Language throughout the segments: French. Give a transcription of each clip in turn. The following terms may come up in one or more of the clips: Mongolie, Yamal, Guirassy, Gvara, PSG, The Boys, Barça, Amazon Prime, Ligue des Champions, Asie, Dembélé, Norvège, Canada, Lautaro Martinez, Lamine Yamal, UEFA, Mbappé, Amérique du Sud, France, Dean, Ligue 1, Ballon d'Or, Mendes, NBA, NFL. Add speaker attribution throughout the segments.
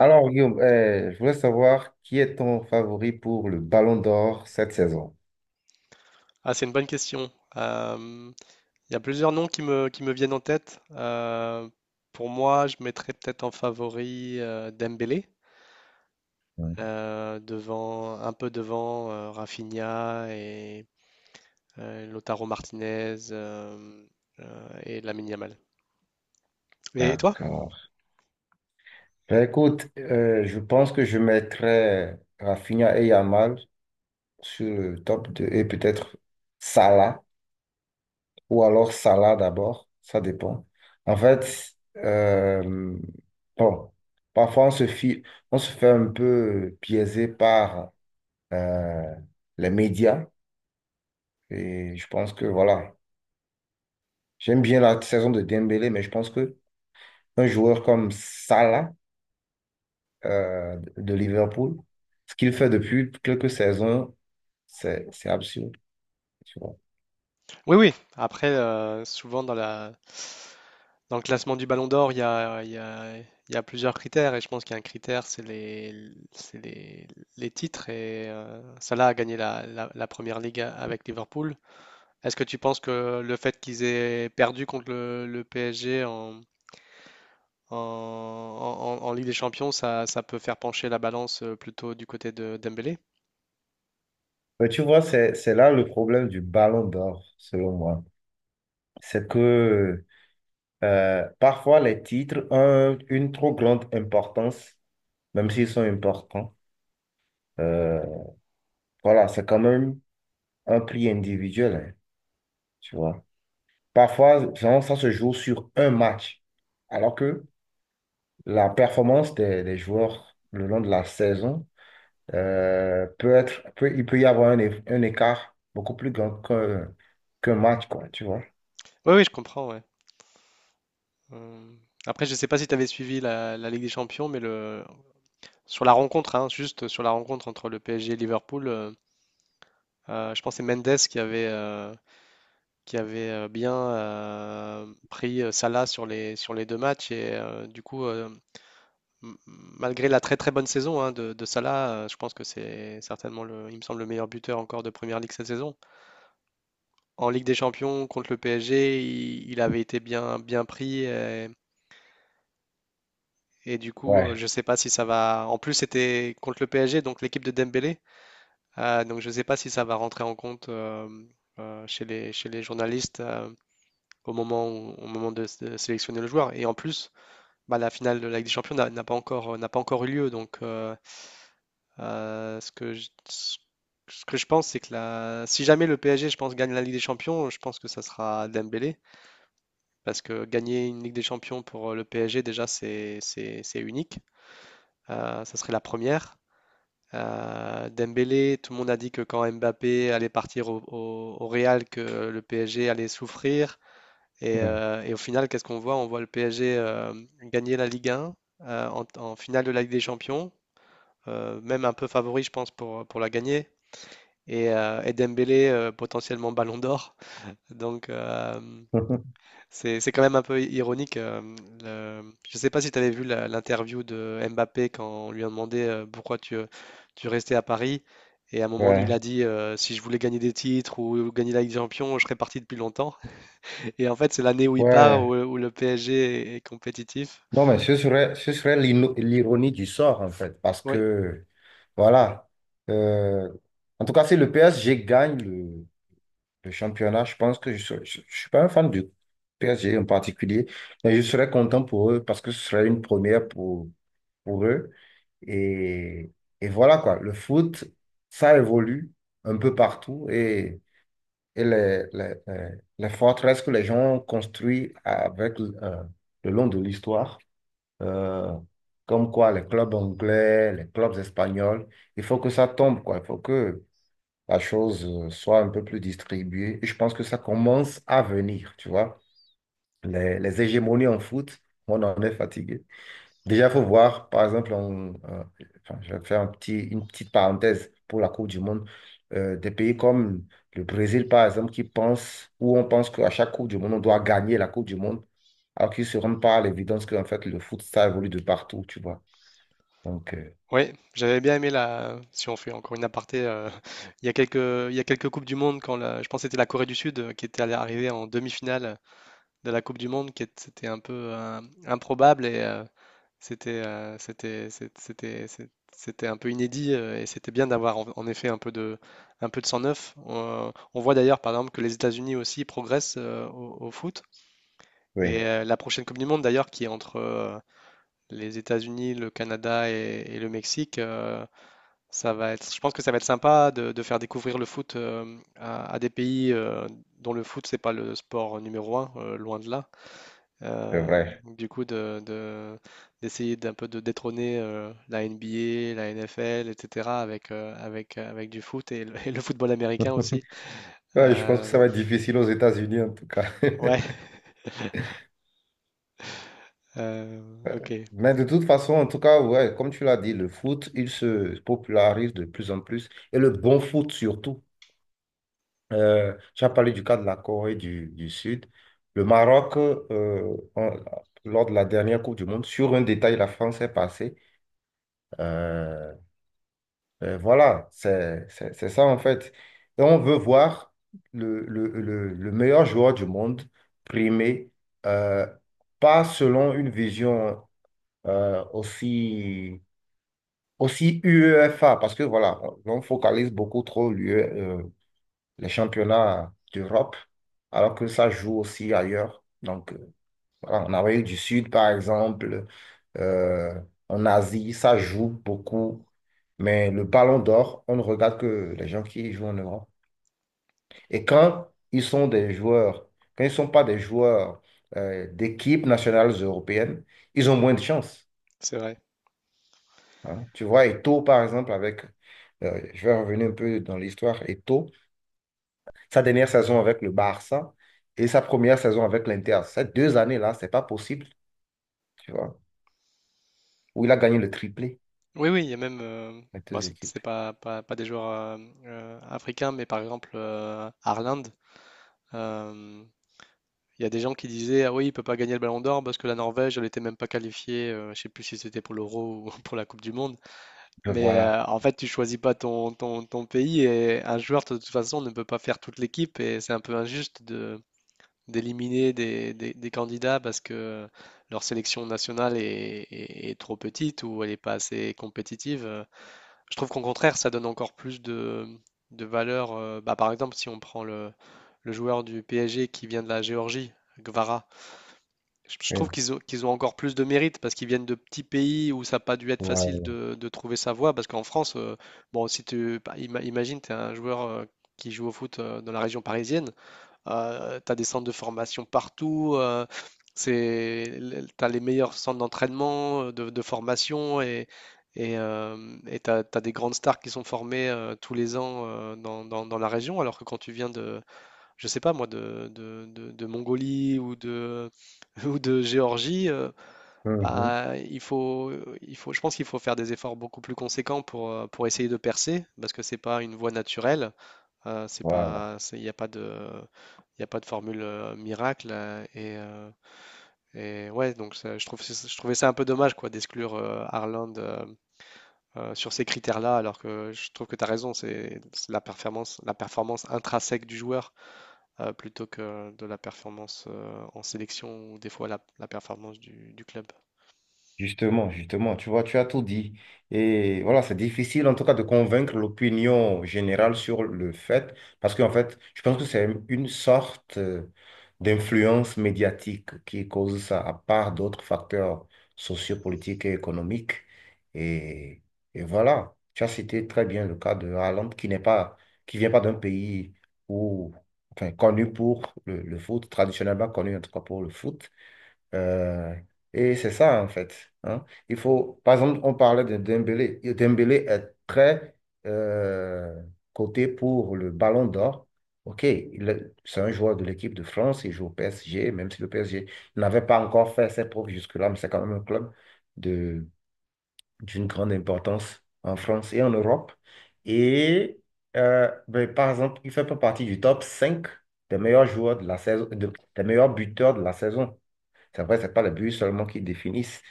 Speaker 1: Alors, Guillaume, je voulais savoir qui est ton favori pour le Ballon d'Or cette saison.
Speaker 2: Ah, c'est une bonne question. Euh, Il y a plusieurs noms qui me viennent en tête. Pour moi, je mettrais peut-être en favori Dembélé,
Speaker 1: Mm.
Speaker 2: devant, un peu devant Rafinha et Lautaro Martinez et Lamine Yamal. Et toi?
Speaker 1: D'accord. Ben, écoute, je pense que je mettrais Rafinha et Yamal sur le top 2 et peut-être Salah ou alors Salah d'abord, ça dépend. En fait, bon, parfois on se fait un peu biaiser par euh, les médias, et je pense que voilà, j'aime bien la saison de Dembélé, mais je pense que un joueur comme Salah de Liverpool, ce qu'il fait depuis quelques saisons, c'est absurde. Tu vois.
Speaker 2: Oui, oui. Après, souvent dans dans le classement du Ballon d'Or, il y a, il y a plusieurs critères. Et je pense qu'il y a un critère, c'est les titres. Et Salah a gagné la première ligue avec Liverpool. Est-ce que tu penses que le fait qu'ils aient perdu contre le PSG en Ligue des Champions, ça peut faire pencher la balance plutôt du côté de Dembélé?
Speaker 1: Mais tu vois, c'est là le problème du Ballon d'Or, selon moi. C'est que parfois les titres ont une trop grande importance, même s'ils sont importants. Euh, voilà, c'est quand même un prix individuel, hein, tu vois. Parfois, vraiment, ça se joue sur un match, alors que la performance des joueurs le long de la saison il peut y avoir un écart beaucoup plus grand qu'un match, quoi, tu vois.
Speaker 2: Oui, oui, je comprends, ouais. Euh, Après, je ne sais pas si tu avais suivi la Ligue des Champions, sur la rencontre, hein, juste sur la rencontre entre le PSG et Liverpool, je pense que c'est Mendes qui avait bien pris Salah sur sur les deux matchs. Et du coup, malgré la très très bonne saison hein, de Salah, je pense que c'est certainement, le, il me semble, le meilleur buteur encore de Première Ligue cette saison. En Ligue des Champions, contre le PSG, il avait été bien, bien pris. Et du coup, je
Speaker 1: Ouais,
Speaker 2: ne sais pas si ça va. En plus, c'était contre le PSG, donc l'équipe de Dembélé. Donc je ne sais pas si ça va rentrer en compte chez chez les journalistes au au moment de sélectionner le joueur. Et en plus, bah, la finale de la Ligue des Champions n'a pas encore eu lieu. Donc ce que ce que je pense, c'est que la, si jamais le PSG, je pense, gagne la Ligue des Champions, je pense que ça sera Dembélé. Parce que gagner une Ligue des Champions pour le PSG, déjà, c'est unique. Ça serait la première. Dembélé, tout le monde a dit que quand Mbappé allait partir au Real, que le PSG allait souffrir.
Speaker 1: ouais,
Speaker 2: Et au final, qu'est-ce qu'on voit? On voit le PSG gagner la Ligue 1 en finale de la Ligue des Champions, même un peu favori, je pense, pour la gagner. Et Dembélé, potentiellement Ballon d'Or. Donc, c'est quand même un peu ironique. Le- Je ne sais pas si tu avais vu l'interview de Mbappé quand on lui a demandé pourquoi tu restais à Paris. Et à un moment, il a
Speaker 1: ouais,
Speaker 2: dit si je voulais gagner des titres ou gagner la Ligue des Champions, je serais parti depuis longtemps. Et en fait, c'est l'année où il part,
Speaker 1: ouais.
Speaker 2: où le PSG est, est compétitif.
Speaker 1: Non, mais ce serait l'ironie du sort, en fait, parce
Speaker 2: Oui,
Speaker 1: que, voilà, euh, en tout cas, si le PSG gagne le championnat, je pense que je ne suis pas un fan du PSG en particulier, mais je serais content pour eux parce que ce serait une première pour eux. Et, et voilà quoi, le foot, ça évolue un peu partout et les forteresses que les gens ont construites avec, le long de l'histoire, euh, comme quoi les clubs anglais, les clubs espagnols, il faut que ça tombe quoi, il faut que la chose soit un peu plus distribuée. Et je pense que ça commence à venir, tu vois. Les hégémonies en foot, on en est fatigué. Déjà, il faut voir, par exemple, enfin, je vais faire une petite parenthèse pour la Coupe du Monde. Des pays comme le Brésil, par exemple, où on pense qu'à chaque Coupe du Monde, on doit gagner la Coupe du Monde, alors qu'ils ne se rendent pas à l'évidence qu'en fait, le foot, ça évolue de partout, tu vois. Donc,
Speaker 2: oui, j'avais bien aimé la. Si on fait encore une aparté, il y a il y a quelques Coupes du Monde, quand je pense que c'était la Corée du Sud qui était allée arriver en demi-finale de la Coupe du Monde, c'était un peu improbable. Et, c'était c'était un peu inédit et c'était bien d'avoir en effet un peu de sang neuf. On voit d'ailleurs par exemple que les États-Unis aussi progressent au foot et
Speaker 1: oui,
Speaker 2: la prochaine Coupe du Monde d'ailleurs qui est entre les États-Unis, le Canada et le Mexique, ça va être je pense que ça va être sympa de faire découvrir le foot à des pays dont le foot c'est pas le sport numéro un loin de là.
Speaker 1: c'est
Speaker 2: Euh,
Speaker 1: vrai.
Speaker 2: du coup, de, de- d'essayer d'un peu de détrôner la NBA, la NFL, etc. avec, avec du foot et le, et le football américain aussi.
Speaker 1: Ouais, je pense que
Speaker 2: Euh,
Speaker 1: ça va être difficile aux États-Unis, en tout cas.
Speaker 2: ouais, euh, ok,
Speaker 1: Mais de toute façon, en tout cas, ouais, comme tu l'as dit, le foot, il se popularise de plus en plus, et le bon foot surtout. Tu as parlé du cas de la Corée du Sud. Le Maroc, lors de la dernière Coupe du Monde, sur un détail, la France est passée. Euh, voilà, c'est ça en fait. Et on veut voir le meilleur joueur du monde primé, euh, pas selon une vision euh, aussi, aussi UEFA, parce que voilà, on focalise beaucoup trop l'UE les championnats d'Europe, alors que ça joue aussi ailleurs. Donc, voilà, en Amérique du Sud, par exemple, euh, en Asie, ça joue beaucoup. Mais le Ballon d'Or, on ne regarde que les gens qui jouent en Europe. Et quand ils sont des joueurs, quand ils ne sont pas des joueurs d'équipes nationales européennes, ils ont moins de chances.
Speaker 2: c'est vrai.
Speaker 1: Hein. Tu vois, Eto'o, par exemple, avec, je vais revenir un peu dans l'histoire, Eto'o, sa dernière saison avec le Barça et sa première saison avec l'Inter. Ces deux années-là, c'est pas possible, tu vois, où il a gagné le triplé,
Speaker 2: Oui, oui, il y a même.
Speaker 1: les
Speaker 2: Bon,
Speaker 1: deux équipes.
Speaker 2: c'est pas, pas, pas des joueurs africains, mais par exemple, Haaland, euh, il y a des gens qui disaient Ah oui, il peut pas gagner le Ballon d'Or parce que la Norvège, elle était même pas qualifiée. Je sais plus si c'était pour l'Euro ou pour la Coupe du Monde. Mais
Speaker 1: Voilà.
Speaker 2: en fait, tu choisis pas ton pays et un joueur, de toute façon, ne peut pas faire toute l'équipe et c'est un peu injuste de d'éliminer des, des candidats parce que leur sélection nationale est, est trop petite ou elle n'est pas assez compétitive. Je trouve qu'au contraire, ça donne encore plus de valeur. Bah, par exemple, si on prend le joueur du PSG qui vient de la Géorgie, Gvara, je trouve
Speaker 1: Mmh.
Speaker 2: qu'ils ont encore plus de mérite parce qu'ils viennent de petits pays où ça n'a pas dû être facile
Speaker 1: Voilà.
Speaker 2: de trouver sa voie. Parce qu'en France, bon, si tu bah, imagine, tu es un joueur qui joue au foot dans la région parisienne, tu as des centres de formation partout, c'est, tu as les meilleurs centres d'entraînement, de formation et tu as, des grandes stars qui sont formées tous les ans dans, dans la région. Alors que quand tu viens de, je sais pas moi, de Mongolie ou de, ou de Géorgie,
Speaker 1: Mhm.
Speaker 2: bah, il faut, je pense qu'il faut faire des efforts beaucoup plus conséquents pour essayer de percer, parce que c'est pas une voie naturelle, c'est
Speaker 1: Voilà.
Speaker 2: pas, il n'y a pas de, il y a pas de formule miracle, et ouais, je trouve, je trouvais ça un peu dommage quoi d'exclure Haaland, sur ces critères-là, alors que je trouve que tu as raison, c'est la performance intrinsèque du joueur plutôt que de la performance en sélection ou des fois la performance du club.
Speaker 1: Justement, justement, tu vois, tu as tout dit. Et voilà, c'est difficile en tout cas de convaincre l'opinion générale sur le fait, parce qu'en fait, je pense que c'est une sorte d'influence médiatique qui cause ça, à part d'autres facteurs sociopolitiques et économiques. Et, et voilà, tu as cité très bien le cas de Haaland, qui vient pas d'un pays où, enfin, connu pour le foot, traditionnellement connu en tout cas pour le foot. Euh, et c'est ça, en fait. Hein. Il faut, par exemple, on parlait de Dembélé. Et Dembélé est très euh, coté pour le Ballon d'Or. OK, c'est un joueur de l'équipe de France, il joue au PSG, même si le PSG n'avait pas encore fait ses preuves jusque-là, mais c'est quand même un club de, d'une grande importance en France et en Europe. Et ben, par exemple, il fait pas partie du top 5 des meilleurs joueurs de la saison, des meilleurs buteurs de la saison. C'est vrai, c'est pas le but seulement qui définissent.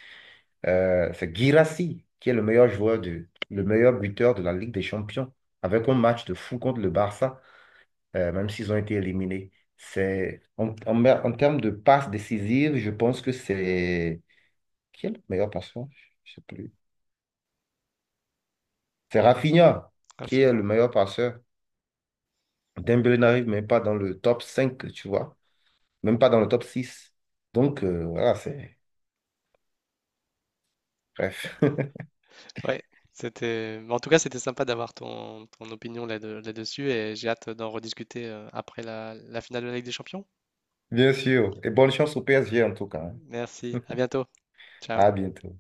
Speaker 1: C'est Guirassy qui est le meilleur buteur de la Ligue des Champions avec un match de fou contre le Barça, même s'ils ont été éliminés. C'est en termes de passes décisives, je pense que c'est qui est le meilleur passeur? Je sais plus. C'est Rafinha qui est le
Speaker 2: Infinir.
Speaker 1: meilleur passeur. Dembélé n'arrive même pas dans le top 5 tu vois, même pas dans le top six. Donc voilà, c'est bref.
Speaker 2: Ouais, c'était. En tout cas, c'était sympa d'avoir ton opinion là dessus et j'ai hâte d'en rediscuter après la finale de la Ligue des Champions.
Speaker 1: Bien sûr. Et bonne chance au PSG en tout cas. Hein.
Speaker 2: Merci, à bientôt. Ciao.
Speaker 1: À bientôt.